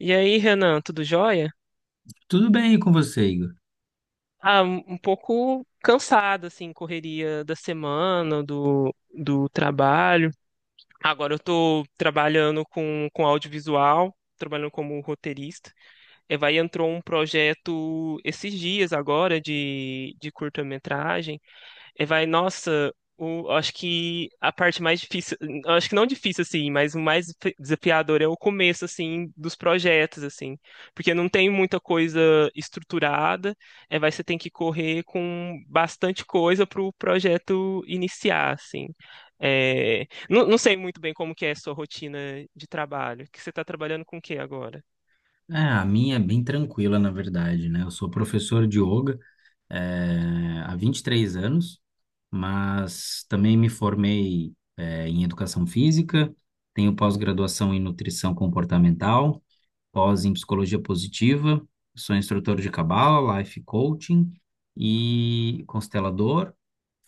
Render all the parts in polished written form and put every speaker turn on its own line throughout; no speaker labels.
E aí, Renan, tudo jóia?
Tudo bem com você, Igor?
Um pouco cansado, assim, correria da semana, do trabalho. Agora eu tô trabalhando com audiovisual, trabalhando como roteirista. E vai Entrou um projeto esses dias agora de curta-metragem. Nossa, acho que a parte mais difícil, acho que não difícil assim, mas o mais desafiador é o começo assim dos projetos assim, porque não tem muita coisa estruturada, é, vai você tem que correr com bastante coisa para o projeto iniciar assim. Não sei muito bem como que é a sua rotina de trabalho, que você está trabalhando com o que agora?
É, a minha é bem tranquila, na verdade, né? Eu sou professor de yoga, há 23 anos, mas também me formei, em educação física, tenho pós-graduação em nutrição comportamental, pós em psicologia positiva, sou instrutor de cabala, life coaching e constelador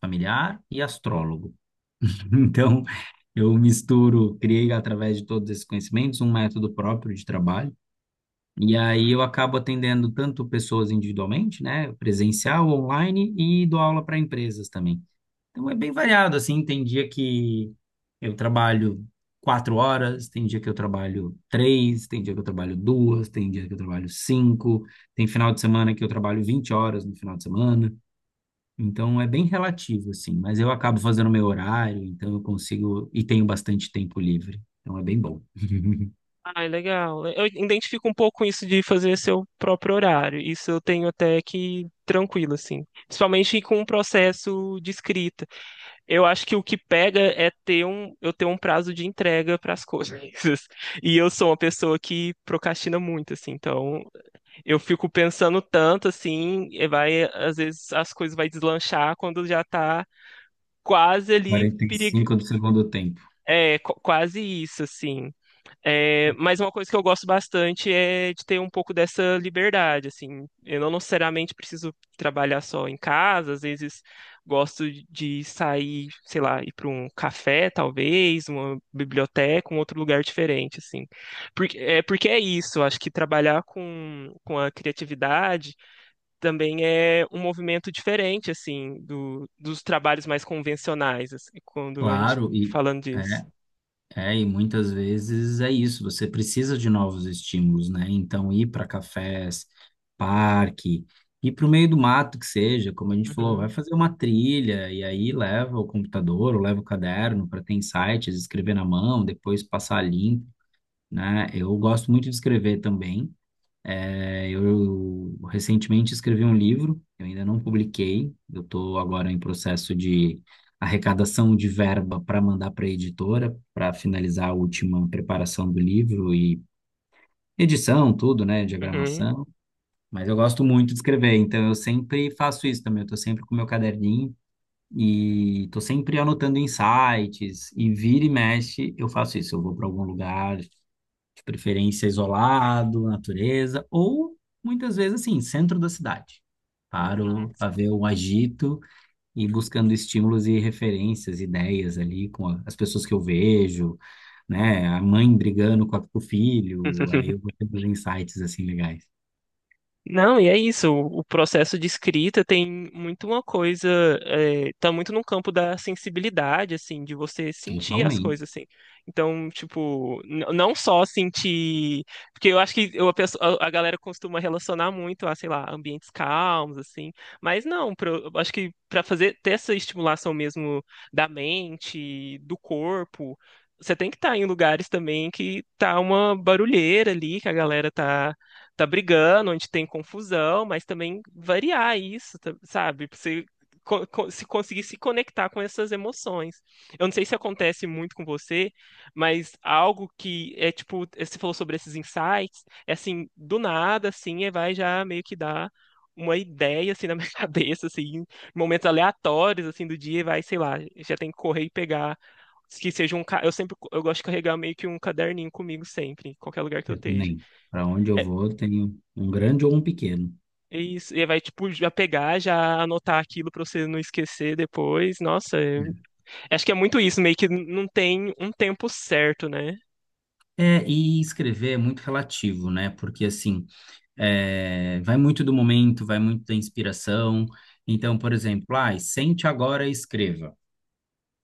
familiar e astrólogo. Então, eu misturo, criei através de todos esses conhecimentos um método próprio de trabalho. E aí eu acabo atendendo tanto pessoas individualmente, né, presencial, online e dou aula para empresas também. Então é bem variado, assim, tem dia que eu trabalho 4 horas, tem dia que eu trabalho três, tem dia que eu trabalho duas, tem dia que eu trabalho cinco, tem final de semana que eu trabalho 20 horas no final de semana. Então é bem relativo, assim, mas eu acabo fazendo meu horário, então eu consigo e tenho bastante tempo livre. Então é bem bom.
Ah, é legal. Eu identifico um pouco isso de fazer seu próprio horário. Isso eu tenho até que tranquilo, assim. Principalmente com o processo de escrita. Eu acho que o que pega é ter eu ter um prazo de entrega para as coisas. E eu sou uma pessoa que procrastina muito, assim. Então, eu fico pensando tanto, assim, às vezes as coisas vai deslanchar quando já tá quase ali
Quarenta e
perigo.
cinco do segundo tempo.
É, quase isso, assim. É, mas uma coisa que eu gosto bastante é de ter um pouco dessa liberdade, assim. Eu não necessariamente preciso trabalhar só em casa, às vezes gosto de sair, sei lá, ir para um café, talvez, uma biblioteca, um outro lugar diferente, assim. Porque é isso, eu acho que trabalhar com a criatividade também é um movimento diferente, assim, dos trabalhos mais convencionais, assim, quando a gente
Claro, e
falando disso.
é. É, e muitas vezes é isso, você precisa de novos estímulos, né? Então, ir para cafés, parque, ir para o meio do mato que seja, como a gente falou, vai
Uhum,
fazer uma trilha e aí leva o computador ou leva o caderno para ter insights, escrever na mão, depois passar limpo, né? Eu gosto muito de escrever também. Eu recentemente escrevi um livro, eu ainda não publiquei, eu estou agora em processo de arrecadação de verba para mandar para a editora, para finalizar a última preparação do livro e edição, tudo, né,
uhum.
diagramação. Mas eu gosto muito de escrever, então eu sempre faço isso também, eu estou sempre com meu caderninho e estou sempre anotando insights e vira e mexe eu faço isso, eu vou para algum lugar de preferência isolado, natureza, ou muitas vezes assim, centro da cidade.
Uhum,
Paro para ver
sim.
o agito e buscando estímulos e referências, ideias ali com as pessoas que eu vejo, né? A mãe brigando com o filho, aí eu vou tendo insights assim legais.
Não, e é isso. O processo de escrita tem muito uma coisa, tá muito no campo da sensibilidade, assim, de você sentir as
Totalmente,
coisas, assim. Então, tipo, não só sentir, porque eu acho que eu- a, pessoa- a- galera costuma relacionar muito a, sei lá, ambientes calmos, assim. Mas não, eu acho que para fazer ter essa estimulação mesmo da mente, do corpo, você tem que estar em lugares também que tá uma barulheira ali, que a galera tá brigando, onde tem confusão, mas também variar isso, tá- sabe? Pra você se conseguir se conectar com essas emoções. Eu não sei se acontece muito com você, mas algo que é tipo, você falou sobre esses insights, é assim, do nada, assim, é, vai já meio que dar uma ideia, assim, na minha cabeça, assim, em momentos aleatórios, assim, do dia, sei lá, já tem que correr e pegar, que seja um, eu sempre, eu gosto de carregar meio que um caderninho comigo sempre, em qualquer lugar que eu
eu
esteja.
também. Para onde eu vou, eu tenho um grande ou um pequeno.
É isso, tipo, já pegar, já anotar aquilo pra você não esquecer depois. Nossa,
Né?
acho que é muito isso, meio que não tem um tempo certo, né?
É, e escrever é muito relativo, né? Porque assim, vai muito do momento, vai muito da inspiração. Então, por exemplo, ai, sente agora e escreva.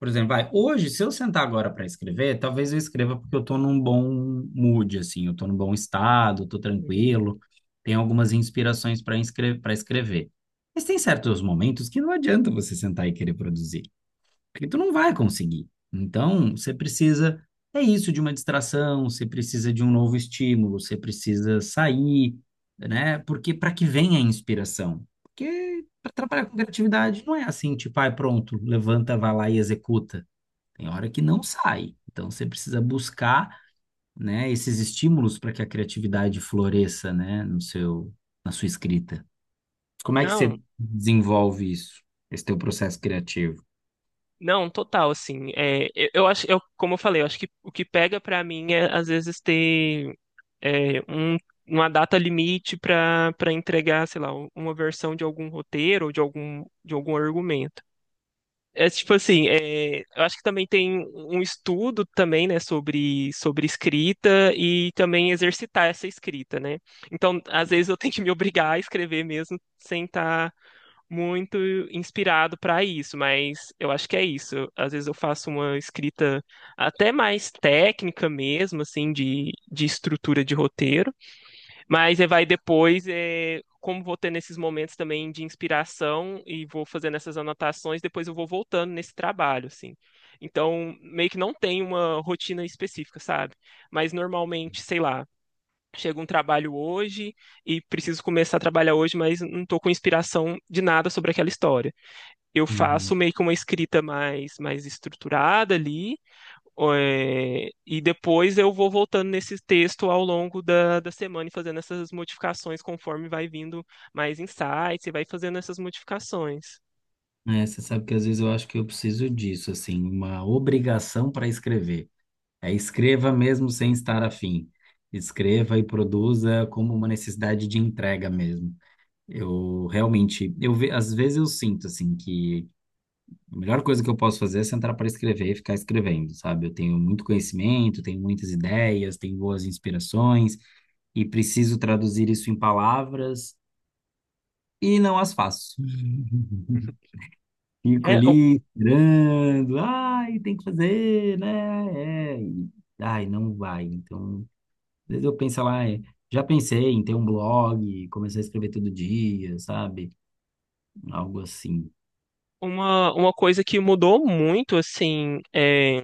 Por exemplo, vai, hoje, se eu sentar agora para escrever, talvez eu escreva porque eu estou num bom mood, assim, eu estou num bom estado, estou
Uhum.
tranquilo, tenho algumas inspirações para escrever. Mas tem certos momentos que não adianta você sentar e querer produzir porque tu não vai conseguir. Então, você precisa, é isso, de uma distração, você precisa de um novo estímulo, você precisa sair, né? Porque para que vem a inspiração? Porque para trabalhar com criatividade não é assim, tipo, ai, pronto, levanta, vai lá e executa. Tem hora que não sai. Então, você precisa buscar, né, esses estímulos para que a criatividade floresça, né, no seu, na sua escrita. Como é que você
Não,
desenvolve isso, esse teu processo criativo?
Não, total, assim, eu acho, como eu falei, eu acho que o que pega pra mim é, às vezes, ter é, um, uma data limite pra para entregar, sei lá, uma versão de algum roteiro ou de algum argumento. É tipo assim, é, eu acho que também tem um estudo também, né, sobre escrita e também exercitar essa escrita, né? Então, às vezes eu tenho que me obrigar a escrever mesmo sem estar muito inspirado para isso, mas eu acho que é isso. Às vezes eu faço uma escrita até mais técnica mesmo, assim, de estrutura de roteiro, mas como vou ter nesses momentos também de inspiração e vou fazendo essas anotações, depois eu vou voltando nesse trabalho, assim. Então, meio que não tem uma rotina específica, sabe? Mas normalmente, sei lá, chega um trabalho hoje e preciso começar a trabalhar hoje, mas não estou com inspiração de nada sobre aquela história. Eu faço meio que uma escrita mais, mais estruturada ali, é, e depois eu vou voltando nesse texto ao longo da semana e fazendo essas modificações conforme vai vindo mais insights e vai fazendo essas modificações.
É, você sabe que às vezes eu acho que eu preciso disso, assim, uma obrigação para escrever. É, escreva mesmo sem estar afim. Escreva e produza como uma necessidade de entrega mesmo. Eu realmente, às vezes eu sinto assim que a melhor coisa que eu posso fazer é sentar para escrever e ficar escrevendo, sabe? Eu tenho muito conhecimento, tenho muitas ideias, tenho boas inspirações e preciso traduzir isso em palavras e não as faço.
Uhum.
Fico
É
ali esperando, ai, tem que fazer, né? Ai, não vai. Então, às vezes eu penso lá, já pensei em ter um blog, começar a escrever todo dia, sabe? Algo assim.
uma coisa que mudou muito, assim, é,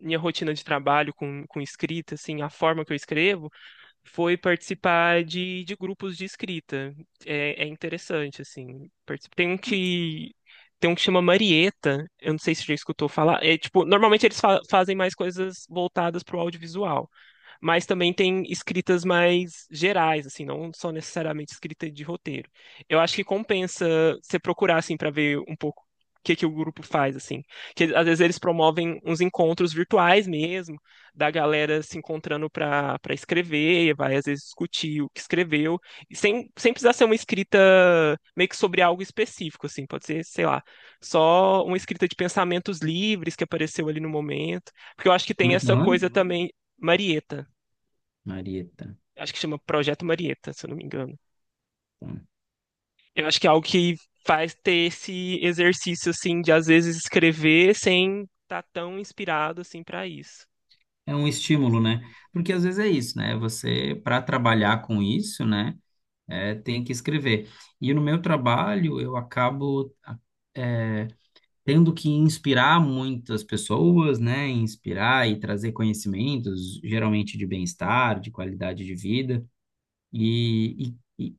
minha rotina de trabalho com escrita, assim, a forma que eu escrevo, foi participar de grupos de escrita. É, é interessante, assim. Tem um que chama Marieta, eu não sei se você já escutou falar. É tipo, normalmente eles fazem mais coisas voltadas para o audiovisual, mas também tem escritas mais gerais, assim, não só necessariamente escrita de roteiro. Eu acho que compensa você procurar, assim, para ver um pouco o que o grupo faz, assim. Que às vezes eles promovem uns encontros virtuais mesmo, da galera se encontrando para escrever, e vai às vezes discutir o que escreveu, e sem precisar ser uma escrita meio que sobre algo específico, assim, pode ser, sei lá, só uma escrita de pensamentos livres que apareceu ali no momento, porque eu acho que
Como
tem
é que é o
essa coisa
nome?
também, Marieta,
Marieta.
acho que chama Projeto Marieta, se eu não me engano.
Tá.
Eu acho que é algo que faz ter esse exercício assim de às vezes escrever sem estar tão inspirado assim para isso.
É um estímulo, né? Porque às vezes é isso, né? Você, para trabalhar com isso, né? É, tem que escrever. E no meu trabalho, eu acabo tendo que inspirar muitas pessoas, né? Inspirar e trazer conhecimentos, geralmente de bem-estar, de qualidade de vida. E, e, e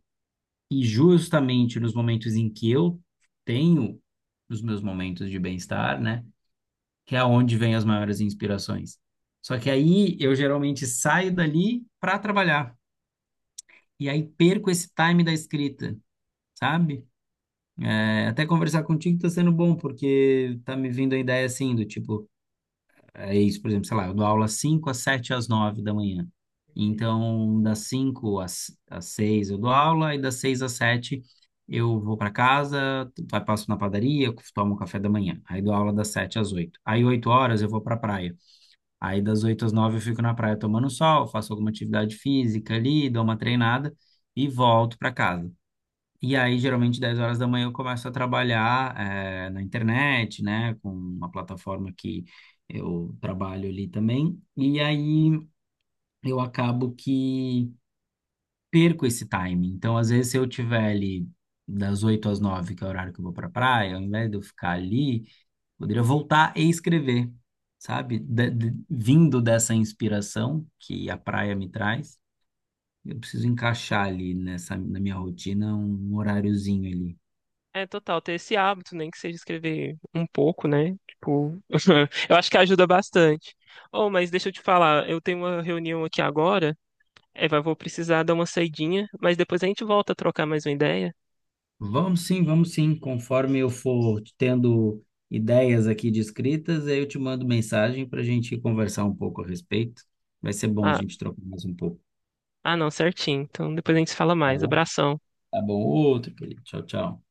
e justamente nos momentos em que eu tenho os meus momentos de bem-estar, né? Que é onde vem as maiores inspirações. Só que aí eu geralmente saio dali para trabalhar. E aí perco esse time da escrita, sabe? É, até conversar contigo tá sendo bom, porque tá me vindo a ideia assim, do tipo, é isso, por exemplo, sei lá, eu dou aula 5 às 7 às 9 da manhã.
Uhum,
Então, das cinco às 6 eu dou aula e das 6 às 7 eu vou para casa, passo na padaria, tomo um café da manhã. Aí dou aula das 7 às oito. Aí 8 horas eu vou para praia. Aí das 8 às 9 eu fico na praia tomando sol, faço alguma atividade física ali, dou uma treinada e volto para casa. E aí, geralmente, 10 horas da manhã eu começo a trabalhar na internet, né, com
uhum.
uma plataforma que eu trabalho ali também. E aí eu acabo que perco esse time. Então, às vezes, se eu tiver ali das 8 às 9 que é o horário que eu vou para praia, ao invés de eu ficar ali, poderia voltar e escrever, sabe? Vindo dessa inspiração que a praia me traz, eu preciso encaixar ali nessa, na minha rotina um horáriozinho ali.
É total, ter esse hábito, nem que seja escrever um pouco, né? Tipo, eu acho que ajuda bastante. Oh, mas deixa eu te falar, eu tenho uma reunião aqui agora, é, vou precisar dar uma saidinha, mas depois a gente volta a trocar mais uma ideia.
Vamos sim, vamos sim. Conforme eu for tendo ideias aqui de escritas, aí eu te mando mensagem para a gente conversar um pouco a respeito. Vai ser bom a
Ah,
gente trocar mais um pouco,
não, certinho. Então depois a gente se fala
tá
mais.
bom?
Abração.
Tá bom. Outro, querido. Tchau, tchau.